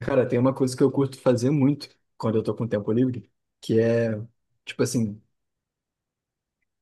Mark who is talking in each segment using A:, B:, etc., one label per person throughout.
A: Cara, tem uma coisa que eu curto fazer muito quando eu tô com tempo livre, que é, tipo assim,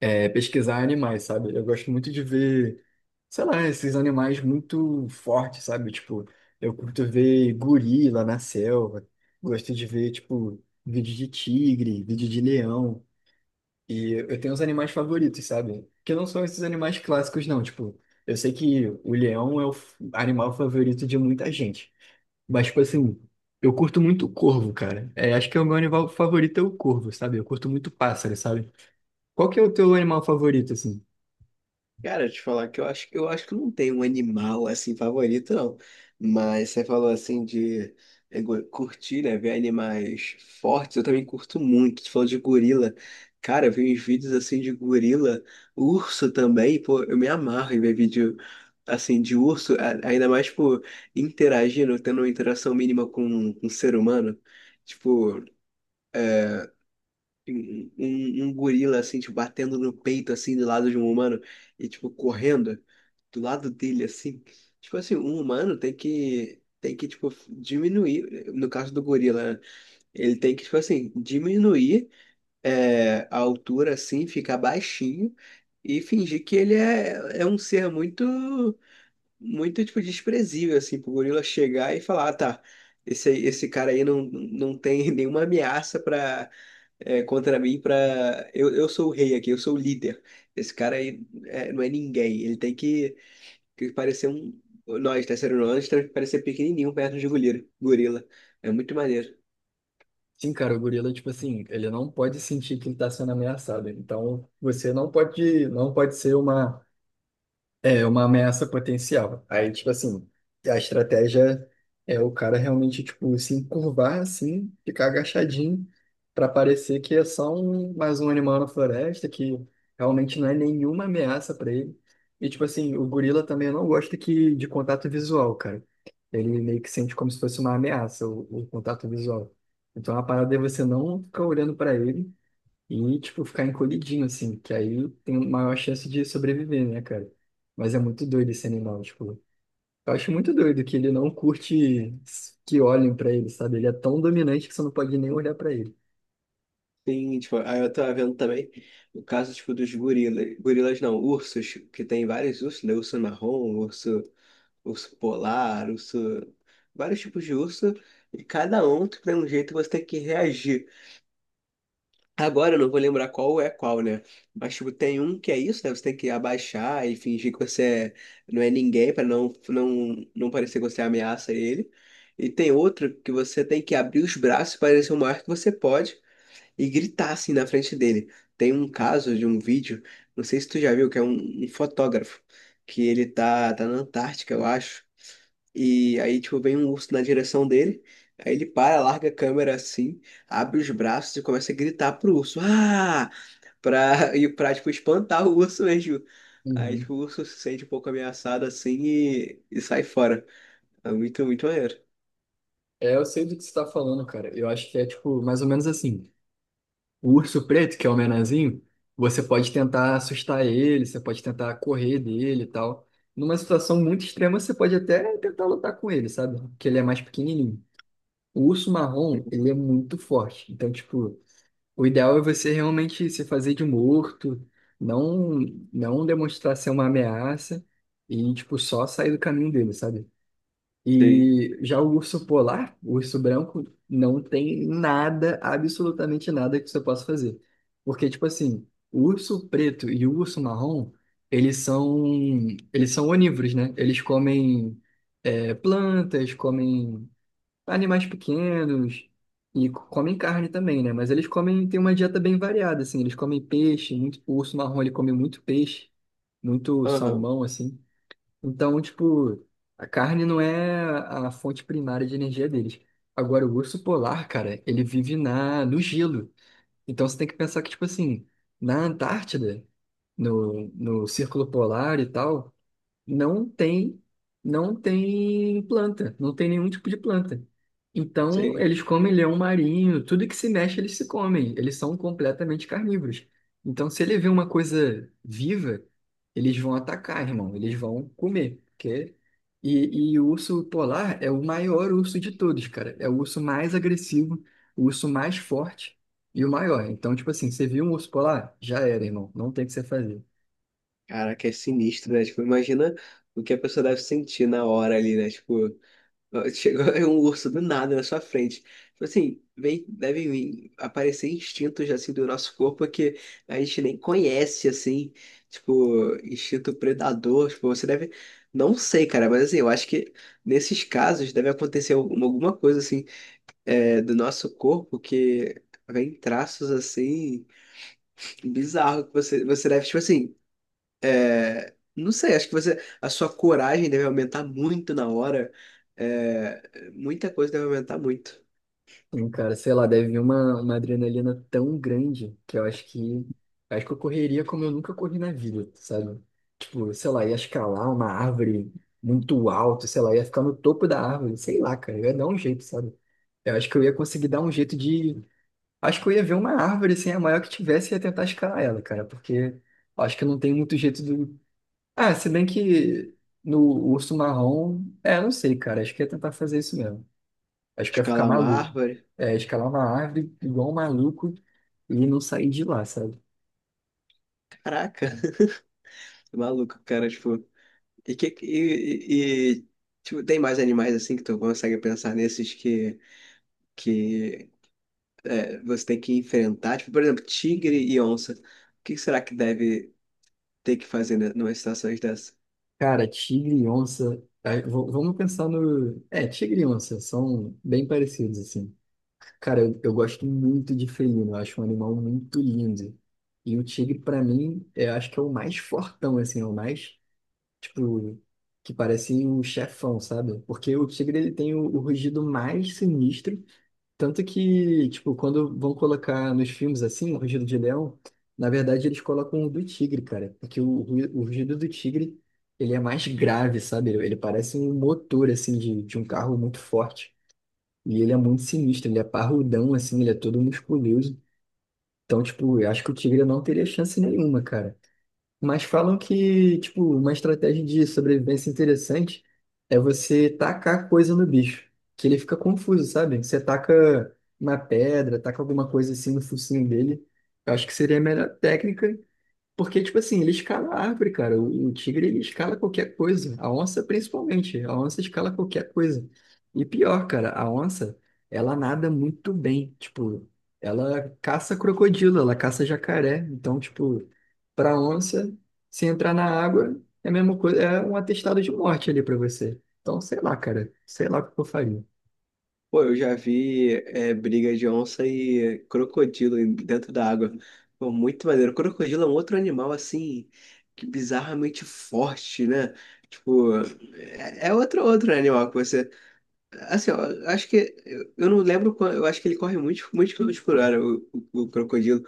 A: é, pesquisar animais, sabe? Eu gosto muito de ver, sei lá, esses animais muito fortes, sabe? Tipo, eu curto ver gorila na selva, gosto de ver, tipo, vídeo de tigre, vídeo de leão, e eu tenho os animais favoritos, sabe? Que não são esses animais clássicos, não, tipo, eu sei que o leão é o animal favorito de muita gente. Mas, tipo assim, eu curto muito corvo, cara. É, acho que é o meu animal favorito é o corvo, sabe? Eu curto muito pássaro, sabe? Qual que é o teu animal favorito, assim?
B: Cara, te falar que eu acho que não tem um animal assim favorito, não. Mas você falou assim de curtir, né? Ver animais fortes, eu também curto muito. Tu falou de gorila. Cara, eu vi uns vídeos assim de gorila, urso também, pô, eu me amarro em ver vídeo assim de urso, ainda mais, tipo, interagindo, tendo uma interação mínima com um ser humano. Tipo, um gorila assim, tipo, batendo no peito assim do lado de um humano e tipo correndo do lado dele, assim. Tipo assim, um humano tem que, tipo, diminuir, no caso do gorila, né? Ele tem que, tipo assim, diminuir é, a altura, assim, ficar baixinho e fingir que ele é um ser muito, muito, tipo, desprezível, assim, pro gorila chegar e falar, ah, tá, esse cara aí não tem nenhuma ameaça pra, é, contra mim, pra... Eu sou o rei aqui, eu sou o líder. Esse cara aí é, não é ninguém, ele tem que parecia um. Nós, terceiro ano, temos que parecer pequenininho perto de gorila. Gorila. É muito maneiro.
A: Sim, cara, o gorila, tipo assim, ele não pode sentir que ele tá sendo ameaçado. Então, você não pode ser uma. É uma ameaça potencial. Aí, tipo assim, a estratégia é o cara realmente, tipo, se encurvar assim, ficar agachadinho, para parecer que é só um, mais um animal na floresta, que realmente não é nenhuma ameaça para ele. E, tipo assim, o gorila também não gosta que, de contato visual, cara. Ele meio que sente como se fosse uma ameaça, o contato visual. Então, a parada é você não ficar olhando para ele, e, tipo, ficar encolhidinho, assim, que aí tem maior chance de sobreviver, né, cara? Mas é muito doido esse animal, tipo, eu acho muito doido que ele não curte que olhem pra ele, sabe? Ele é tão dominante que você não pode nem olhar pra ele.
B: Tem, tipo, aí eu tava vendo também o caso, tipo, dos gorilas. Gorilas não, ursos, que tem vários ursos, né? Urso marrom, urso, urso polar, urso. Vários tipos de urso. E cada um tem um jeito que você tem que reagir. Agora eu não vou lembrar qual é qual, né? Mas tipo, tem um que é isso, né? Você tem que abaixar e fingir que você não é ninguém pra não parecer que você ameaça ele. E tem outro que você tem que abrir os braços para parecer o maior que você pode e gritar assim na frente dele. Tem um caso de um vídeo, não sei se tu já viu, que é um fotógrafo que ele tá na Antártica, eu acho. E aí, tipo, vem um urso na direção dele. Aí ele para, larga a câmera assim, abre os braços e começa a gritar pro urso. Ah! Pra, e pra, tipo, espantar o urso mesmo. Aí,
A: Uhum.
B: tipo, o urso se sente um pouco ameaçado assim e sai fora. É muito, muito maneiro.
A: É, eu sei do que você tá falando, cara. Eu acho que é, tipo, mais ou menos assim. O urso preto, que é o menorzinho, você pode tentar assustar ele, você pode tentar correr dele e tal. Numa situação muito extrema, você pode até tentar lutar com ele, sabe? Porque ele é mais pequenininho. O urso marrom, ele é muito forte. Então, tipo, o ideal é você realmente se fazer de morto, não não demonstrar ser uma ameaça e, tipo, só sair do caminho dele, sabe?
B: Sei.
A: E já o urso polar, o urso branco, não tem nada, absolutamente nada que você possa fazer. Porque, tipo assim, o urso preto e o urso marrom, eles são, eles são onívoros, né? Eles comem, plantas, comem animais pequenos e comem carne também, né? Mas eles comem, tem uma dieta bem variada, assim. Eles comem peixe, muito, o urso marrom ele come muito peixe, muito
B: Aham,
A: salmão, assim. Então, tipo, a carne não é a fonte primária de energia deles. Agora, o urso polar, cara, ele vive na, no gelo. Então, você tem que pensar que, tipo assim, na Antártida, no Círculo Polar e tal, não tem, não tem planta, não tem nenhum tipo de planta. Então,
B: sei.
A: eles comem leão marinho, tudo que se mexe eles se comem, eles são completamente carnívoros. Então, se ele vê uma coisa viva, eles vão atacar, irmão, eles vão comer, porque... E o urso polar é o maior urso de todos, cara. É o urso mais agressivo, o urso mais forte e o maior. Então, tipo assim, você viu um urso polar? Já era, irmão. Não tem o que você fazer.
B: Caraca, é sinistro, né? Tipo, imagina o que a pessoa deve sentir na hora ali, né? Tipo. Chegou um urso do nada na sua frente. Tipo assim, vem, devem vir aparecer instintos assim do nosso corpo que a gente nem conhece, assim, tipo, instinto predador. Tipo, você deve. Não sei, cara, mas assim, eu acho que nesses casos deve acontecer alguma coisa assim é, do nosso corpo que vem traços assim bizarro que você deve, tipo assim. Não sei, acho que você, a sua coragem deve aumentar muito na hora. É, muita coisa deve aumentar muito.
A: Sim, cara, sei lá, deve vir uma adrenalina tão grande que eu acho que eu correria como eu nunca corri na vida, sabe? Tipo, sei lá, ia escalar uma árvore muito alto, sei lá, ia ficar no topo da árvore, sei lá, cara, eu ia dar um jeito, sabe? Eu acho que eu ia conseguir dar um jeito de. Acho que eu ia ver uma árvore assim, a maior que tivesse, e ia tentar escalar ela, cara, porque eu acho que não tem muito jeito do. Ah, se bem que no urso marrom, não sei, cara, acho que ia tentar fazer isso mesmo. Acho que eu ia ficar
B: Escalar uma
A: maluco.
B: árvore.
A: É, escalar uma árvore igual um maluco e não sair de lá, sabe?
B: Caraca, maluco, cara, tipo. E que e, e- tipo, tem mais animais assim que tu consegue pensar nesses que é, você tem que enfrentar, tipo, por exemplo, tigre e onça. O que será que deve ter que fazer né, numa situação dessa?
A: Cara, tigre e onça. Aí, vamos pensar no. É, tigre e onça são bem parecidos, assim. Cara, eu gosto muito de felino, eu acho um animal muito lindo. E o tigre, pra mim, eu acho que é o mais fortão, assim, é o mais, tipo, que parece um chefão, sabe? Porque o tigre, ele tem o rugido mais sinistro. Tanto que, tipo, quando vão colocar nos filmes assim, o rugido de leão, na verdade eles colocam o do tigre, cara. Porque o rugido do tigre, ele é mais grave, sabe? Ele parece um motor, assim, de um carro muito forte. E ele é muito sinistro, ele é parrudão, assim, ele é todo musculoso. Então, tipo, eu acho que o tigre não teria chance nenhuma, cara. Mas falam que, tipo, uma estratégia de sobrevivência interessante é você tacar coisa no bicho, que ele fica confuso, sabe? Você taca uma pedra, taca alguma coisa assim no focinho dele. Eu acho que seria a melhor técnica porque, tipo assim, ele escala a árvore, cara. O tigre, ele escala qualquer coisa. A onça, principalmente. A onça escala qualquer coisa. E pior, cara, a onça, ela nada muito bem. Tipo, ela caça crocodilo, ela caça jacaré. Então, tipo, pra onça, se entrar na água, é a mesma coisa, é um atestado de morte ali pra você. Então, sei lá, cara. Sei lá o que eu faria.
B: Pô, eu já vi é, briga de onça e crocodilo dentro da água. Pô, muito maneiro. Crocodilo é um outro animal, assim, que bizarramente forte, né? Tipo, é, é outro animal que você... Assim, ó, eu acho que... Eu não lembro, eu acho que ele corre muito, muito quilômetros por hora, o crocodilo.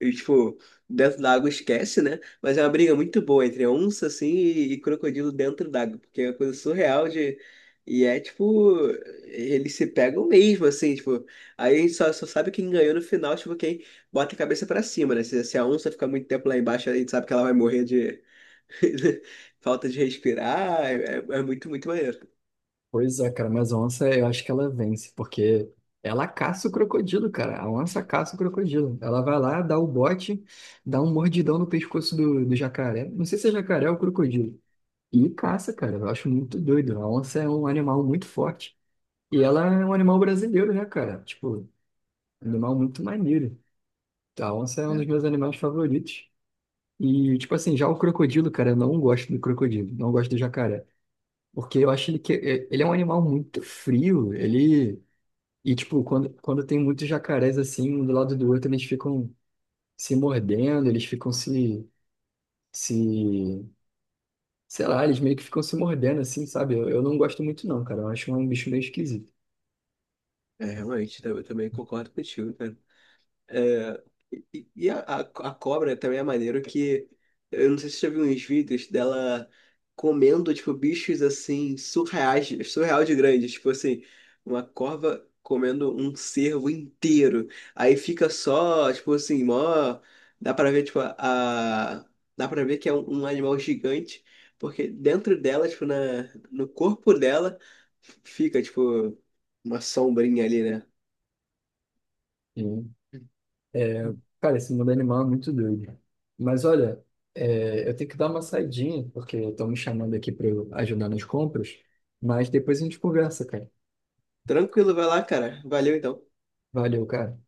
B: E, tipo, dentro da água esquece, né? Mas é uma briga muito boa entre onça, assim, e crocodilo dentro d'água, porque é uma coisa surreal de... E é, tipo, eles se pegam mesmo, assim, tipo... Aí a gente só sabe quem ganhou no final, tipo, quem bota a cabeça pra cima, né? Se a onça ficar muito tempo lá embaixo, a gente sabe que ela vai morrer de... falta de respirar, é muito, muito maneiro.
A: Pois é, cara, mas a onça eu acho que ela vence, porque ela caça o crocodilo, cara. A onça caça o crocodilo. Ela vai lá, dá o bote, dá um mordidão no pescoço do jacaré. Não sei se é jacaré ou crocodilo. E caça, cara. Eu acho muito doido. A onça é um animal muito forte. E ela é um animal brasileiro, né, cara? Tipo, um animal muito maneiro. A onça é um dos
B: É,
A: meus animais favoritos. E, tipo assim, já o crocodilo, cara, eu não gosto do crocodilo, não gosto do jacaré. Porque eu acho ele que é, ele é um animal muito frio. Ele. E, tipo, quando tem muitos jacarés assim, um do lado do outro, eles ficam se mordendo, eles ficam se, se, sei lá, eles meio que ficam se mordendo assim, sabe? Eu não gosto muito não, cara. Eu acho um bicho meio esquisito.
B: realmente, eu também concordo contigo, cara. E a cobra também é maneiro que eu não sei se você já viu uns vídeos dela comendo, tipo, bichos assim, surreais, surreal de grandes. Tipo assim, uma corva comendo um cervo inteiro. Aí fica só, tipo assim, mó. Dá pra ver, tipo, a. Dá pra ver que é um animal gigante, porque dentro dela, tipo, na, no corpo dela, fica, tipo, uma sombrinha ali, né?
A: E, é, cara, esse mundo animal é muito doido. Mas olha, eu tenho que dar uma saidinha, porque estão me chamando aqui para ajudar nas compras, mas depois a gente conversa, cara.
B: Tranquilo, vai lá, cara. Valeu então.
A: Valeu, cara.